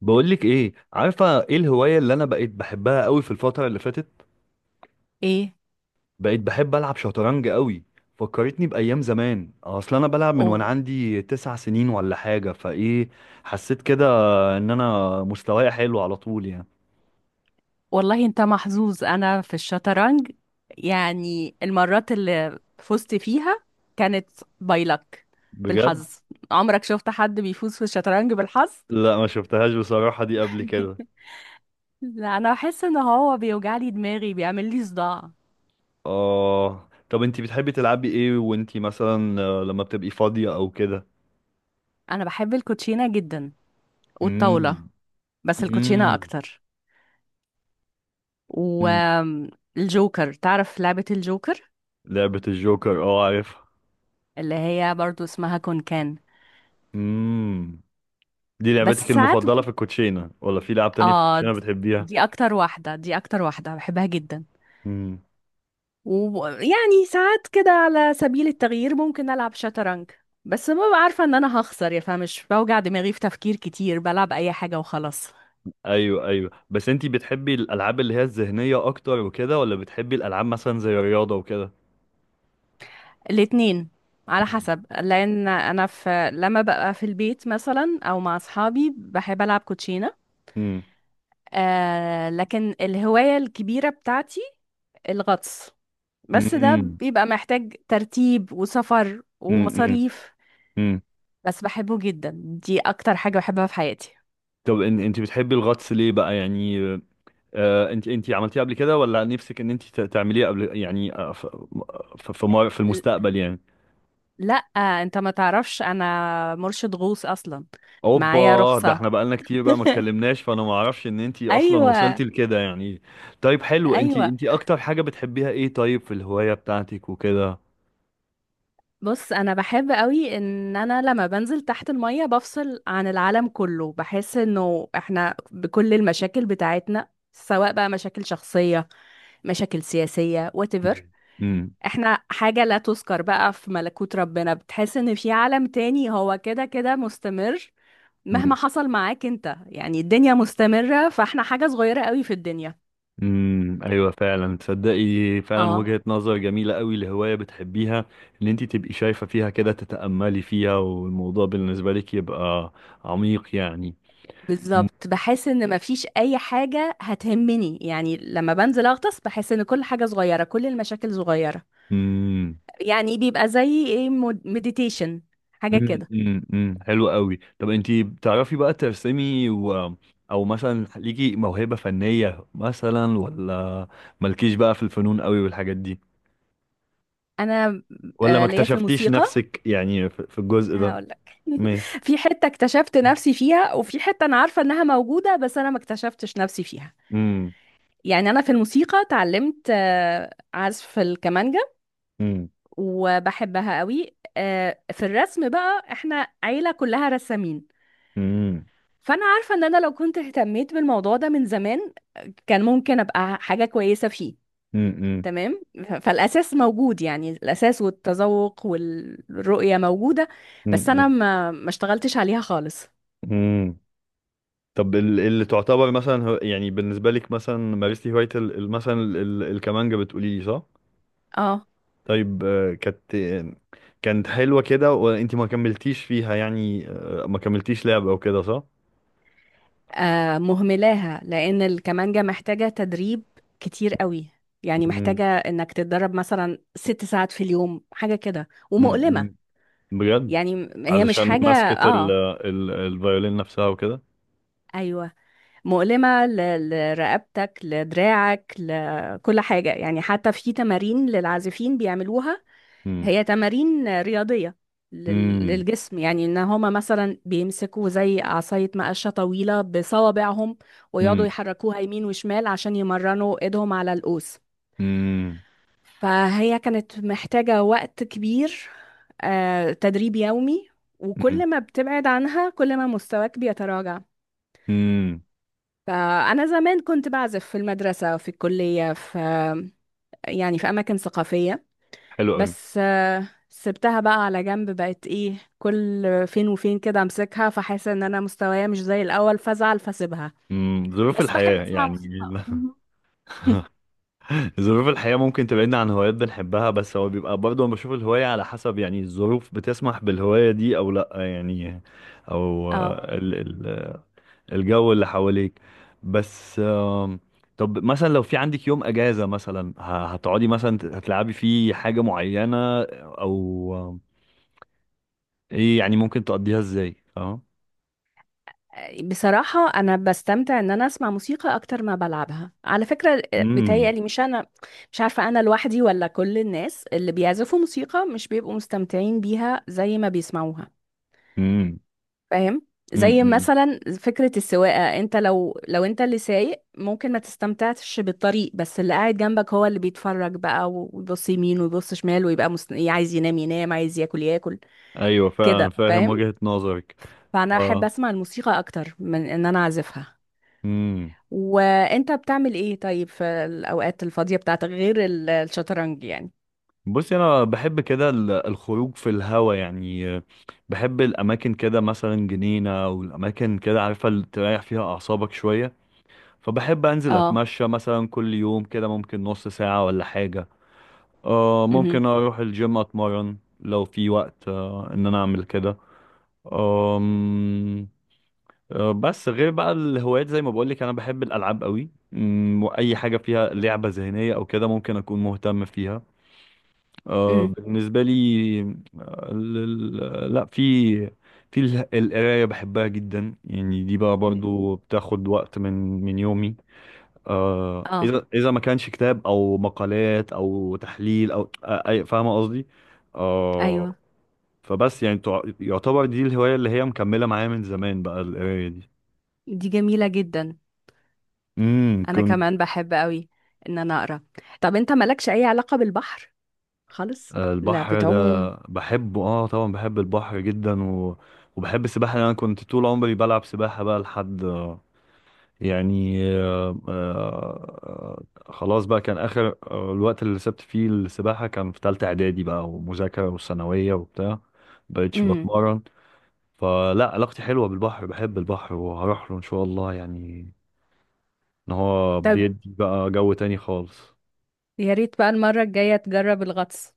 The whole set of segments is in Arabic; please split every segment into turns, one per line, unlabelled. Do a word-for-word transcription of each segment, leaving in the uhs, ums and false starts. بقولك ايه؟ عارفه ايه الهوايه اللي انا بقيت بحبها قوي في الفتره اللي فاتت؟
ايه.
بقيت بحب العب شطرنج قوي. فكرتني بايام زمان، اصل انا بلعب من وانا
أو
عندي تسع سنين ولا حاجه فايه. حسيت كده ان انا مستواي حلو على طول يعني.
والله انت محظوظ. انا في الشطرنج، يعني المرات اللي فزت فيها كانت باي لك
بجد.
بالحظ. عمرك شفت حد بيفوز في الشطرنج بالحظ؟
لا، ما شفتهاش بصراحه دي قبل كده.
لا، انا بحس ان هو بيوجع لي دماغي، بيعمل لي صداع.
اه، طب انتي بتحبي تلعبي ايه وانتي مثلا آه، لما بتبقي فاضيه او كده؟
انا بحب الكوتشينه جدا، والطاوله،
امم.
بس الكوتشينه
امم.
اكتر. والجوكر، تعرف لعبه الجوكر؟
لعبه الجوكر، اه عارفها.
اللي هي برضو اسمها كونكان.
امم. دي لعبتك
بس ساعات
المفضلة في الكوتشينة ولا في لعب تانية؟ في آه.
اه
الكوتشينة
د-
بتحبيها؟
دي اكتر واحدة، دي اكتر واحدة بحبها جدا.
امم.
ويعني ساعات كده على سبيل التغيير ممكن العب شطرنج، بس ببقى عارفة ان انا هخسر، يا فمش بوجع دماغي في تفكير كتير، بلعب اي حاجة وخلاص.
ايوه ايوه، بس انتي بتحبي الالعاب اللي هي الذهنية اكتر وكده، ولا بتحبي الالعاب مثلا زي الرياضة وكده؟
الاتنين، على حسب. لان انا في لما ببقى في البيت مثلا او مع اصحابي بحب العب كوتشينة.
امم.
آه لكن الهواية الكبيرة بتاعتي الغطس، بس ده
امم.
بيبقى محتاج ترتيب وسفر
امم.
ومصاريف.
امم.
بس بحبه جدا، دي اكتر حاجة بحبها في حياتي.
طب ان انتي بتحبي الغطس ليه بقى يعني؟ آه انتي انتي عملتيه قبل كده، ولا نفسك ان انتي ت- تعمليه قبل يعني آه، ف- ف- في مر- في
ل-
المستقبل يعني؟
لا، انت ما تعرفش انا مرشد غوص اصلا، معايا
اوبا، ده
رخصة.
احنا بقالنا كتير بقى ما اتكلمناش، فانا ما اعرفش ان انتي اصلا
ايوه،
وصلتي لكده يعني. طيب حلو، انتي
ايوه.
انتي اكتر حاجة بتحبيها ايه طيب في الهواية بتاعتك وكده؟
بص، انا بحب قوي ان انا لما بنزل تحت المية بفصل عن العالم كله، بحس انه احنا بكل المشاكل بتاعتنا، سواء بقى مشاكل شخصية، مشاكل سياسية whatever،
مم. امم.
احنا حاجة لا تذكر بقى في ملكوت ربنا. بتحس ان في عالم تاني هو كده كده مستمر، مهما
امم.
حصل معاك انت، يعني الدنيا مستمرة، فاحنا حاجة صغيرة قوي في الدنيا.
أمم، ايوه فعلا، تصدقي. فعلا
اه،
وجهة نظر جميلة قوي لهواية بتحبيها. ان انتي تبقي شايفة فيها كده، تتأملي فيها، والموضوع بالنسبة لك يبقى عميق يعني.
بالظبط، بحس ان مفيش اي حاجة هتهمني. يعني لما بنزل اغطس بحس ان كل حاجة صغيرة، كل المشاكل صغيرة.
امم.
يعني بيبقى زي ايه، مديتيشن، حاجة
امم.
كده.
امم. أمم. حلو قوي، طب انتي بتعرفي بقى ترسمي و... او مثلا ليكي موهبة فنية مثلا، ولا مالكيش بقى في الفنون قوي والحاجات دي،
انا
ولا ما
آه، ليا في
اكتشفتيش
الموسيقى،
نفسك يعني في في الجزء ده؟
هقول لك.
مي.
في حتة اكتشفت نفسي فيها، وفي حتة انا عارفة انها موجودة بس انا ما اكتشفتش نفسي فيها.
امم.
يعني انا في الموسيقى اتعلمت آه، عزف الكمانجا
امم.
وبحبها قوي. آه، في الرسم بقى احنا عيلة كلها رسامين،
امم.
فانا عارفة ان انا لو كنت اهتميت بالموضوع ده من زمان كان ممكن ابقى حاجة كويسة فيه.
امم.
تمام. ف- فالاساس موجود، يعني الاساس والتذوق والرؤية موجودة، بس انا
امم.
ما ما اشتغلتش عليها خالص.
امم. طب ال- اللي تعتبر مثلا هو- يعني بالنسبة لك مثلا مارستي هواية ال- ال- مثلا ال- ال- الكمانجة، بتقولي لي صح؟
اه.
طيب آه، كانت آه، كانت حلوة كده وانتي ما كملتيش فيها يعني، آه، ما كملتيش لعبة وكده، صح؟
آه، مهملاها لان الكمانجة محتاجة تدريب كتير قوي. يعني
مم.
محتاجة انك تتدرب مثلا ست ساعات في اليوم، حاجة كده،
مم. مم.
ومؤلمة.
بجد؟
يعني م- هي مش
علشان
حاجة.
ماسكة ال
اه،
ال الفيولين نفسها وكده؟
ايوه. مؤلمة ل- لرقبتك، لدراعك، لكل حاجة. يعني حتى في تمارين للعازفين بيعملوها،
مم.
هي تمارين رياضية لل-
مم.
للجسم. يعني ان هما مثلا بيمسكوا زي عصاية مقشة طويلة بصوابعهم ويقعدوا
مم.
يحركوها يمين وشمال عشان يمرنوا ايدهم على القوس.
مم.
فهي كانت محتاجة وقت كبير، آه، تدريب يومي،
مم.
وكل ما بتبعد عنها كل ما مستواك بيتراجع.
مم.
فأنا زمان كنت بعزف في المدرسة، في الكلية، في، يعني في أماكن ثقافية.
حلو قوي.
بس آه، سبتها بقى على جنب، بقت إيه، كل فين وفين كده أمسكها فحاسة إن أنا مستوايا مش زي الأول فأزعل فأسيبها.
مم. ظروف
بس بحب
الحياة
أسمع
يعني.
موسيقى. مهم.
ظروف الحياة ممكن تبعدنا عن هوايات بنحبها، بس هو بيبقى برضه أنا بشوف الهواية على حسب يعني، الظروف بتسمح بالهواية دي أو لأ يعني، أو
اه،
آه، ال ال الجو اللي حواليك، بس آم، طب مثلا لو في عندك يوم اجازة مثلا ه- هتقعدي مثلا ت- هتلعبي فيه حاجة معينة، او آم، ايه يعني ممكن تقضيها ازاي، فاهم؟
بصراحة أنا بستمتع إن أنا أسمع موسيقى أكتر ما بلعبها على فكرة. آه،
امم.
بيتهيألي، مش أنا مش عارفة، أنا لوحدي ولا كل الناس اللي بيعزفوا موسيقى مش بيبقوا مستمتعين بيها زي ما بيسمعوها.
امم.
فاهم؟ زي
امم.
مثلا فكرة السواقة، انت لو لو انت اللي سايق ممكن ما تستمتعش بالطريق، بس اللي قاعد جنبك هو اللي بيتفرج بقى، ويبص يمين ويبص شمال، ويبقى مست... عايز ينام ينام، عايز ياكل ياكل.
ايوه فعلا
كده؟
فاهم
فاهم.
وجهة نظرك.
فانا احب
اه.
اسمع الموسيقى اكتر من ان انا اعزفها.
امم.
وانت بتعمل ايه طيب في الاوقات الفاضية بتاعتك غير ال- الشطرنج يعني؟
بصي، انا بحب كده ال- الخروج في الهوا يعني، آه، بحب الاماكن كده مثلا جنينة او الاماكن كده، عارفة اللي تريح فيها اعصابك شوية، فبحب انزل
اه.
اتمشى مثلا كل يوم كده ممكن نص ساعة ولا حاجة، آه
امم
ممكن اروح الجيم اتمرن لو في وقت آه ان انا اعمل كده، آم، آه بس غير بقى الهوايات زي ما بقولك، انا بحب الالعاب قوي، أمم، واي حاجة فيها لعبة ذهنية او كده ممكن اكون مهتم فيها آه
امم
بالنسبة لي، آه، ال- ال- لا، في في ال- القراية بحبها جدا يعني، دي بقى برضو بتاخد وقت من من يومي، آه
اه،
اذا اذا ما كانش كتاب او مقالات او تحليل او آه، اي، فاهمه قصدي.
ايوه.
آه، فبس يعني تع- يعتبر دي الهوايه اللي هي مكمله معايا من زمان بقى، القرايه دي.
دي جميلة جدا،
امم،
انا
كنت.
كمان بحب قوي ان انا اقرا. طب انت مالكش اي علاقة بالبحر خالص؟
آه،
لا
البحر ده
بتعوم؟
بحبه، اه طبعا بحب البحر جدا و... وبحب السباحه، انا كنت طول عمري بلعب سباحه بقى لحد يعني، آه، آه، خلاص بقى، كان آخر آه، الوقت اللي سبت فيه السباحة كان في تالتة إعدادي بقى، ومذاكرة وثانوية وبتاع مبقتش
امم
بتمرن. فلا، علاقتي حلوة بالبحر، بحب البحر وهروح له إن شاء الله يعني، إن هو
طب
بيدي بقى جو تاني خالص.
يا ريت بقى المرة الجاية تجرب الغطس.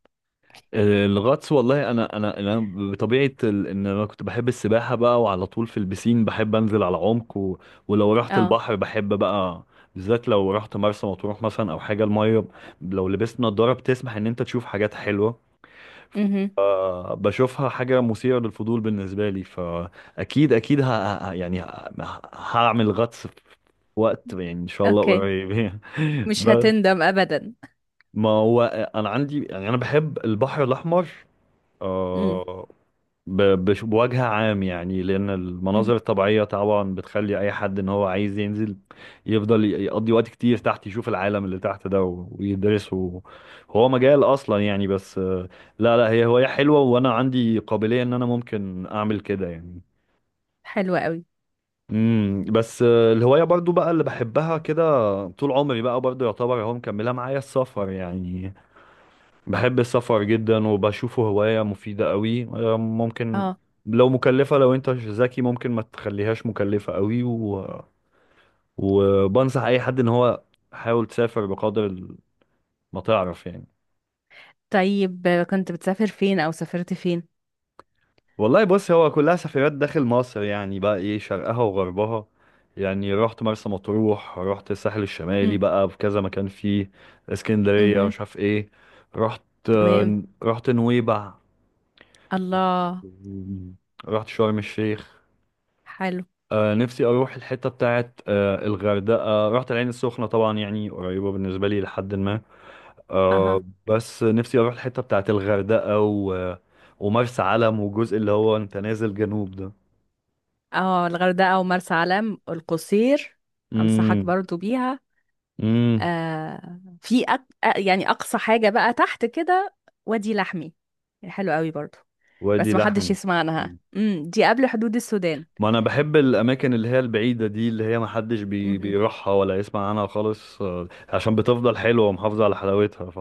الغطس والله انا انا انا بطبيعه ال... ان انا كنت بحب السباحه بقى، وعلى طول في البسين بحب انزل على عمق و... ولو رحت
اه.
البحر بحب بقى، بالذات لو رحت مرسى مطروح مثلا او حاجه، الميه لو لبست نضاره بتسمح ان انت تشوف حاجات حلوه،
امم
آه، بشوفها حاجه مثيره للفضول بالنسبه لي، فاكيد اكيد ه... ه- يعني ه... هعمل غطس في وقت، يعني ان شاء الله
اوكي.
قريب.
مش
بس.
هتندم ابدا.
ما هو، انا عندي يعني انا بحب البحر الاحمر،
امم
آه، ب- بش- بوجه عام يعني، لأن
امم
المناظر الطبيعية طبعا بتخلي أي حد إن هو عايز ينزل يفضل ي- يقضي وقت كتير تحت، يشوف العالم اللي تحت ده و- ويدرسه، هو مجال أصلا يعني، بس آه، لا لا، هي هواية حلوة، وأنا عندي قابلية إن أنا ممكن أعمل كده يعني.
حلوة قوي.
امم، بس آه، الهواية برضو بقى اللي بحبها كده طول عمري بقى برضو، يعتبر هو مكملها معايا السفر يعني، بحب السفر جدا وبشوفه هواية مفيدة قوي، آه، ممكن
اه.
لو مكلفة لو انت ذكي ممكن ما تخليهاش مكلفة قوي و... وبنصح اي حد ان هو حاول تسافر بقدر ال- ما تعرف يعني.
طيب آه، كنت بتسافر فين او سافرت فين؟
والله بص، هو كلها سفريات داخل مصر يعني بقى، ايه شرقها وغربها، يعني رحت مرسى مطروح، رحت الساحل الشمالي
امم
بقى في كذا مكان فيه، اسكندرية
امم
مش عارف ايه، رحت،
تمام،
آه، رحت نويبع،
الله.
رحت شرم الشيخ،
حلو.
آه نفسي اروح الحته بتاعت آه الغردقه، رحت العين السخنه طبعا، يعني قريبه بالنسبه لي، لحد ما
اها.
آه، بس نفسي اروح الحته بتاعت الغردقه و... ومرسى علم والجزء اللي هو انت نازل جنوب ده.
اه، الغردقة ومرسى علم القصير، انصحك
امم.
برضو بيها.
امم.
آه في أك... آه، يعني اقصى حاجة بقى تحت كده وادي لحمي، يعني حلو قوي برضو.
وادي
بس ما حدش
لحمي.
يسمع عنها.
مم.
امم دي قبل حدود السودان.
ما انا بحب الاماكن اللي هي البعيده دي، اللي هي ما حدش بي...
امم
بيروحها ولا يسمع عنها خالص، آه عشان بتفضل حلوه ومحافظه على حلاوتها، ف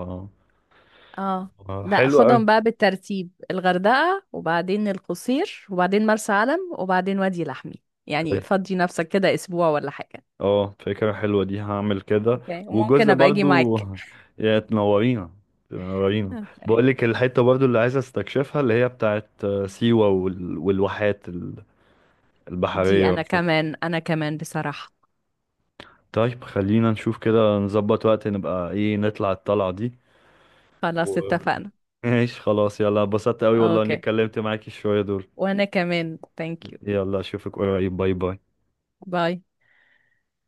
اه.
آه،
لا،
حلوه
خدهم بقى بالترتيب، الغردقة وبعدين القصير وبعدين مرسى علم وبعدين وادي لحمي،
قوي.
يعني فضي نفسك كده اسبوع ولا حاجة.
اه فكرة حلوة دي، هعمل كده.
اوكي، وممكن
وجزء
ابقى اجي
برضو،
معاك.
يا تنورينا، تنورينا.
اوكي.
بقولك الحتة برضو اللي عايز استكشفها اللي هي بتاعت آه، سيوة وال... والواحات ال-
دي
البحرية
انا
ومش عارف.
كمان، انا كمان بصراحة.
طيب خلينا نشوف كده نظبط وقت، نبقى ايه، نطلع الطلعة دي و...
خلاص اتفقنا.
ماشي خلاص، يلا، اتبسطت قوي والله اني
اوكي.
اتكلمت معاكي شوية دول.
وانا كمان ثانك يو.
يلا اشوفك قريب، باي باي.
باي.